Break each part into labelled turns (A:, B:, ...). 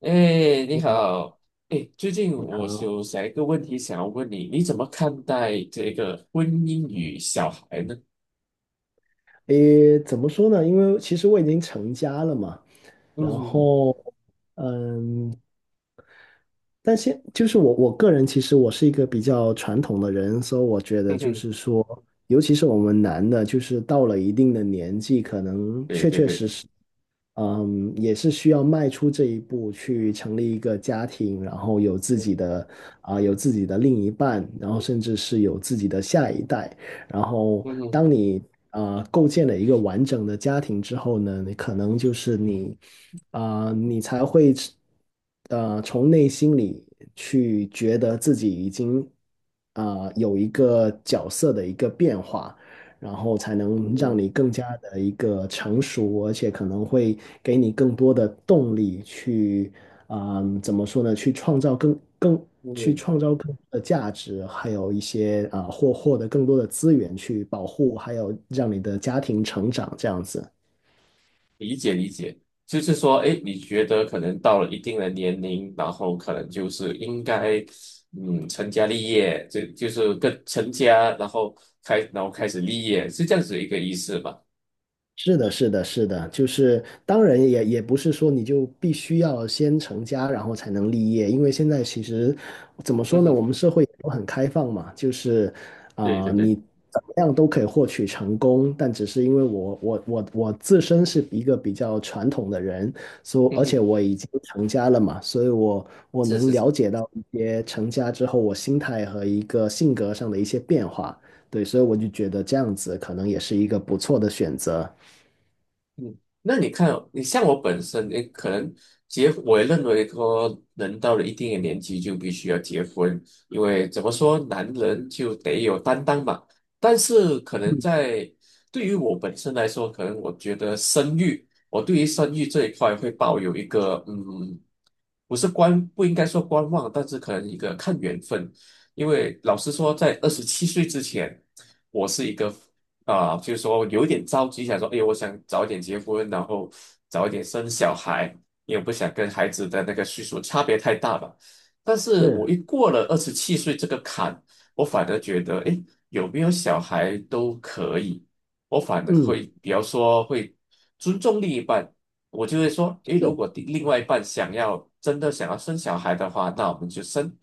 A: 哎，你
B: 好。
A: 好。哎，最近
B: 你
A: 我
B: 好。
A: 有想一个问题想要问你，你怎么看待这个婚姻与小孩呢？
B: 怎么说呢？因为其实我已经成家了嘛，
A: 嗯
B: 然
A: 哼哼。
B: 后，嗯，但现就是我个人，其实我是一个比较传统的人，所以我觉得
A: 嗯
B: 就
A: 哼。
B: 是说，尤其是我们男的，就是到了一定的年纪，可能
A: 对
B: 确
A: 对
B: 确实
A: 对。
B: 实，嗯，也是需要迈出这一步，去成立一个家庭，然后有自己的有自己的另一半，然后甚至是有自己的下一代。然后
A: 嗯哼。
B: 当你构建了一个完整的家庭之后呢，你可能就是你你才会从内心里去觉得自己已经有一个角色的一个变化。然后才能让
A: 嗯
B: 你更加的一个成熟，而且可能会给你更多的动力去，嗯，怎么说呢？去创造去
A: 嗯。
B: 创造更多的价值，还有一些获得更多的资源去保护，还有让你的家庭成长这样子。
A: 理解理解，就是说，哎，你觉得可能到了一定的年龄，然后可能就是应该，成家立业，这就是跟成家，然后然后开始立业，是这样子一个意思吧？
B: 是的，是的，是的，就是当然也不是说你就必须要先成家，然后才能立业，因为现在其实怎么
A: 嗯
B: 说呢，
A: 哼。
B: 我们社会都很开放嘛，就是
A: 对对对。
B: 你怎么样都可以获取成功，但只是因为我自身是一个比较传统的人，所
A: 嗯
B: 而
A: 哼。
B: 且我已经成家了嘛，所以我
A: 是
B: 能
A: 是
B: 了
A: 是。
B: 解到一些成家之后我心态和一个性格上的一些变化，对，所以我就觉得这样子可能也是一个不错的选择。
A: 嗯，那你看哦，你像我本身，你可能我也认为说，人到了一定的年纪就必须要结婚，因为怎么说，男人就得有担当嘛。但是可能在对于我本身来说，可能我觉得生育，我对于生育这一块会抱有一个，不应该说观望，但是可能一个看缘分。因为老实说，在二十七岁之前，我是一个，就是说有点着急，想说，哎，我想早一点结婚，然后早一点生小孩，因为不想跟孩子的那个岁数差别太大吧。但是我
B: 是。
A: 一过了二十七岁这个坎，我反而觉得，哎，有没有小孩都可以，我反而
B: 嗯。
A: 会比较说会尊重另一半，我就会说，哎，如
B: 是。
A: 果另外一半真的想要生小孩的话，那我们就生。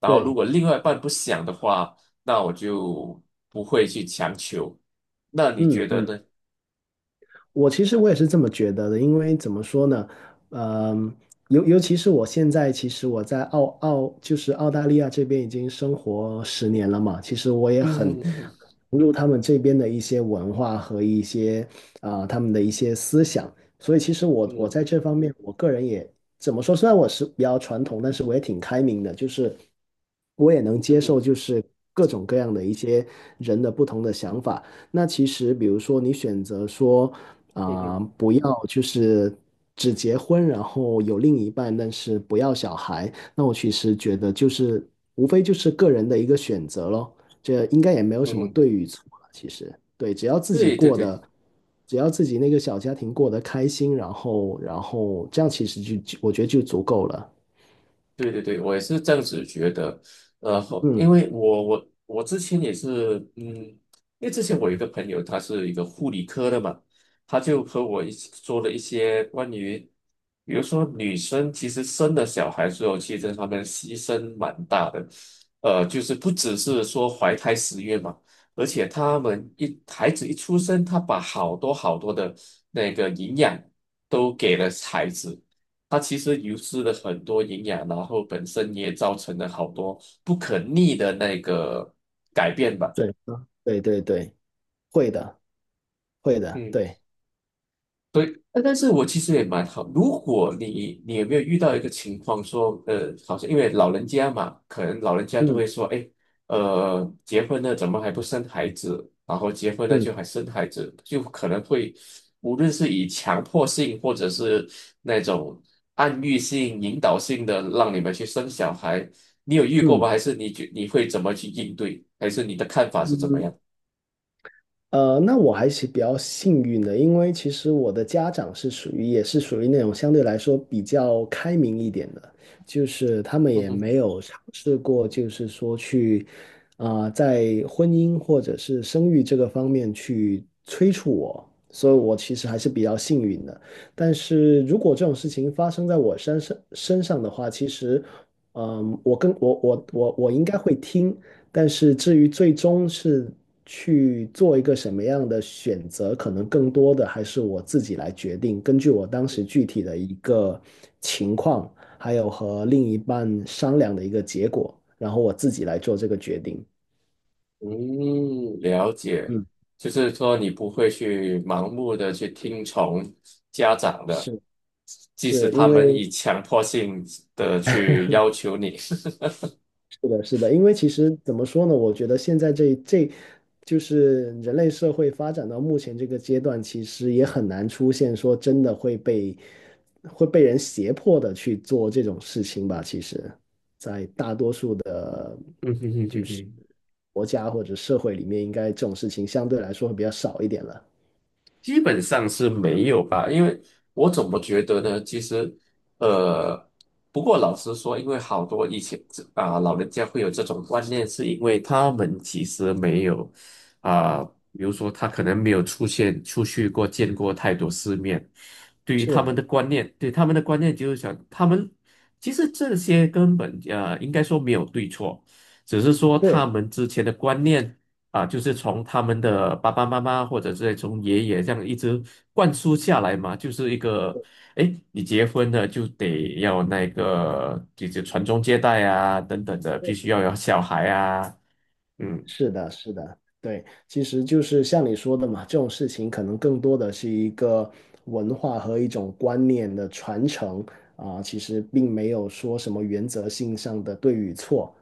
A: 然后，如
B: 对。
A: 果另外一半不想的话，那我就不会去强求。那你觉
B: 嗯
A: 得
B: 嗯，
A: 呢？
B: 我其实我也是这么觉得的，因为怎么说呢，嗯、尤其是我现在，其实我在澳澳就是澳大利亚这边已经生活十年了嘛，其实我也
A: 嗯
B: 很
A: 嗯嗯
B: 融入他们这边的一些文化和一些他们的一些思想，所以其实我
A: 嗯
B: 在这方面，我个人也怎么说，虽然我是比较传统，但是我也挺开明的，就是我也能接受就是各种各样的一些人的不同的想法。那其实，比如说你选择说，
A: 嗯嗯。
B: 不要就是只结婚，然后有另一半，但是不要小孩，那我其实觉得就是无非就是个人的一个选择咯，这应该也没有什么
A: 嗯。
B: 对与错了其实，对，只要自己
A: 对对
B: 过
A: 对
B: 得，只要自己那个小家庭过得开心，然后这样其实就我觉得就足够了。
A: 对对对，我也是这样子觉得。后因
B: 嗯。
A: 为我我我之前也是，因为之前我有一个朋友，他是一个护理科的嘛，他就和我一起做了一些关于，比如说女生其实生了小孩之后，其实她们牺牲蛮大的。就是不只是说怀胎十月嘛，而且她们一孩子一出生，她把好多好多的那个营养都给了孩子。它其实流失了很多营养，然后本身也造成了好多不可逆的那个改变吧。
B: 对。对对对。会的。会的。
A: 嗯。
B: 对。
A: 对，但是我其实也蛮好。如果你有没有遇到一个情况说，好像因为老人家嘛，可能老人家都
B: 嗯
A: 会说，哎，结婚了怎么还不生孩子？然后结婚了就
B: 嗯
A: 还生孩子，就可能会，无论是以强迫性或者是那种暗喻性、引导性的让你们去生小孩，你有遇过吗？
B: 嗯。
A: 还是你觉你会怎么去应对？还是你的看法是怎么
B: 嗯
A: 样？
B: 那我还是比较幸运的，因为其实我的家长是属于也是属于那种相对来说比较开明一点的，就是他们也没
A: 嗯
B: 有尝试过，就是说去在婚姻或者是生育这个方面去催促我，所以我其实还是比较幸运的。但是如果这种事情发生在我身上的话，其实，嗯，我跟我我我我应该会听，但是至于最终是去做一个什么样的选择，可能更多的还是我自己来决定，根据我当时具体的一个情况，还有和另一半商量的一个结果，然后我自己来做这个决定。
A: 嗯。了解，
B: 嗯。
A: 就是说你不会去盲目的去听从家长的，
B: 是
A: 即使
B: 是因
A: 他们
B: 为
A: 以强迫性的去要求你。
B: 是的，是的，因为其实怎么说呢？我觉得现在，就是人类社会发展到目前这个阶段，其实也很难出现说真的会被会被人胁迫的去做这种事情吧。其实，在大多数的，
A: 嗯哼哼
B: 就
A: 哼
B: 是
A: 哼。
B: 国家或者社会里面，应该这种事情相对来说会比较少一点了。
A: 基本上是没有吧，因为我怎么觉得呢？其实，呃，不过老实说，因为好多以前老人家会有这种观念，是因为他们其实没有啊、比如说他可能没有出现出去过，见过太多世面。对于他们
B: 是。
A: 的观念，对他们的观念就是想，他们其实这些根本应该说没有对错，只是说他
B: 对。
A: 们之前的观念。啊，就是从他们的爸爸妈妈或者是从爷爷这样一直灌输下来嘛，就是一个，哎，你结婚了就得要那个，就是传宗接代啊，等等的，必须要有小孩啊。嗯。
B: 是的，是的，对，其实就是像你说的嘛，这种事情可能更多的是一个文化和一种观念的传承啊，其实并没有说什么原则性上的对与错，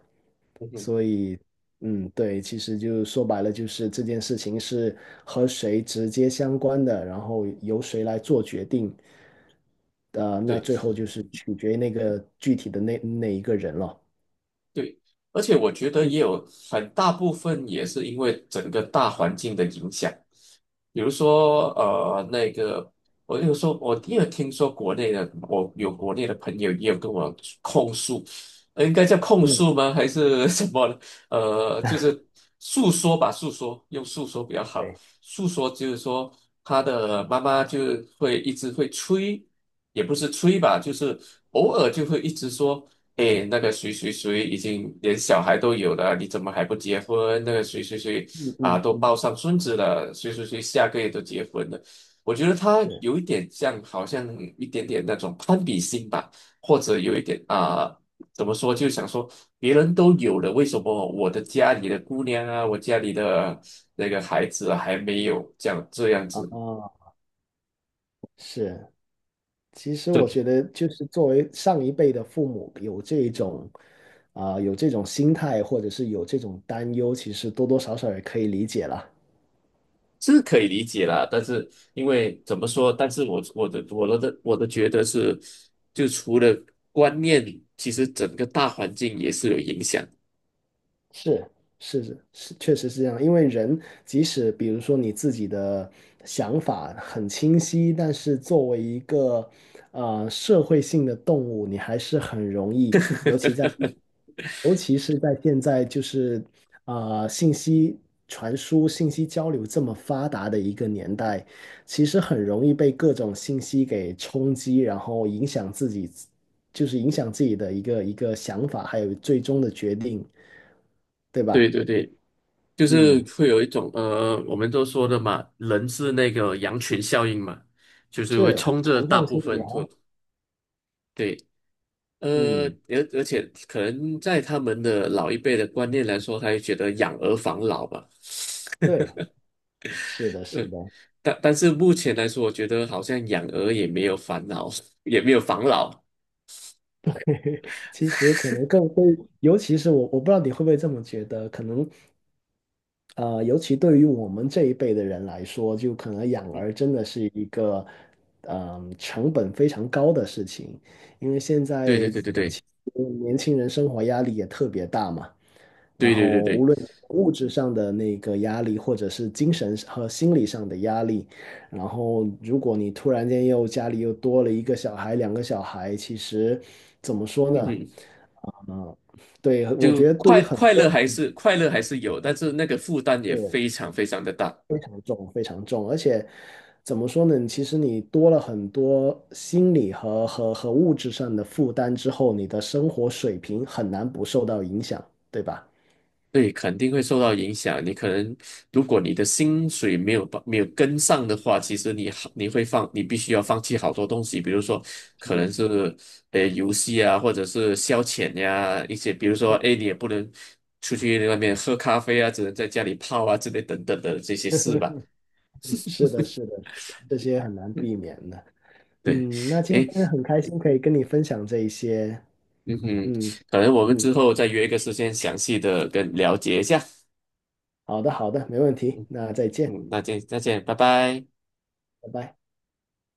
A: 嗯哼。
B: 所以，嗯，对，其实就说白了，就是这件事情是和谁直接相关的，然后由谁来做决定，那
A: 对
B: 最后就是取决于那个具体的那那一个人了。
A: 对，而且我觉得
B: 嗯
A: 也有很大部分也是因为整个大环境的影响。比如说，那个，我就说，我也有听说国内的，我有国内的朋友也有跟我控诉。应该叫控
B: 嗯。
A: 诉吗？还是 什么呢就是诉说吧，诉说，用诉说比较好。
B: 对。
A: 诉说就是说，他的妈妈就会一直会催，也不是催吧，就是偶尔就会一直说，诶，那个谁谁谁已经连小孩都有了，你怎么还不结婚？那个谁谁谁
B: 嗯
A: 啊，
B: 嗯
A: 都
B: 嗯。
A: 抱上孙子了，谁谁谁下个月都结婚了。我觉得他
B: 是
A: 有一点像，好像一点点那种攀比心吧，或者有一点啊，怎么说，就想说别人都有了，为什么我的家里的姑娘啊，我家里的那个孩子啊还没有这样这样子？
B: 啊。是，其实我觉得就是作为上一辈的父母，有这种有这种心态，或者是有这种担忧，其实多多少少也可以理解了。
A: 是可以理解啦，但是因为怎么说？但是我的觉得是，就除了观念，其实整个大环境也是有影响。
B: 是是是是，确实是这样。因为人即使比如说你自己的想法很清晰，但是作为一个社会性的动物，你还是很容易，尤其在 尤其是在现在就是信息传输、信息交流这么发达的一个年代，其实很容易被各种信息给冲击，然后影响自己，就是影响自己的一个想法，还有最终的决定，对
A: 对
B: 吧？
A: 对对，就是
B: 嗯，
A: 会有一种我们都说的嘛，人是那个羊群效应嘛，就是会
B: 是
A: 冲着
B: 从
A: 大
B: 众
A: 部
B: 心理
A: 分
B: 啊。
A: 会对。呃，
B: 嗯。
A: 而而且可能在他们的老一辈的观念来说，他就觉得养儿防老吧。
B: 对。是的，是
A: 对，
B: 的。
A: 但但是目前来说，我觉得好像养鹅也没有烦恼，也没有防老。
B: 其实可能更会，尤其是我，我不知道你会不会这么觉得，可能，呃，尤其对于我们这一辈的人来说，就可能养儿真的是一个，成本非常高的事情，因为现
A: 对
B: 在
A: 对对对对
B: 其实年轻人生活压力也特别大嘛。然
A: 对对对
B: 后无
A: 对。
B: 论物质上的那个压力，或者是精神和心理上的压力，然后如果你突然间又家里又多了一个小孩、两个小孩，其实怎么说
A: 嗯
B: 呢？
A: 哼。
B: 嗯，对，我
A: 就
B: 觉得对于很多
A: 快乐还是有，但是那个负担也非
B: 是
A: 常非常的大。
B: 非常重、非常重，而且怎么说呢？其实你多了很多心理和物质上的负担之后，你的生活水平很难不受到影响，对吧？
A: 对，肯定会受到影响。你可能，如果你的薪水没有跟上的话，其实你会放，你必须要放弃好多东西。比如说可
B: 是。
A: 能是游戏啊，或者是消遣呀、一些比如说哎你也不能出去外面喝咖啡啊，只能在家里泡啊之类等等的这些事吧。
B: 是的，是的，是的，这些很难避免的。
A: 对。
B: 嗯，那今
A: 哎。
B: 天很开心可以跟你分享这一些。
A: 嗯哼。
B: 嗯
A: 可能我们之
B: 嗯，
A: 后再约一个时间详细的跟了解一下。
B: 好的，好的，没问题。那再见。
A: 嗯，那这再这样拜拜。
B: 拜拜。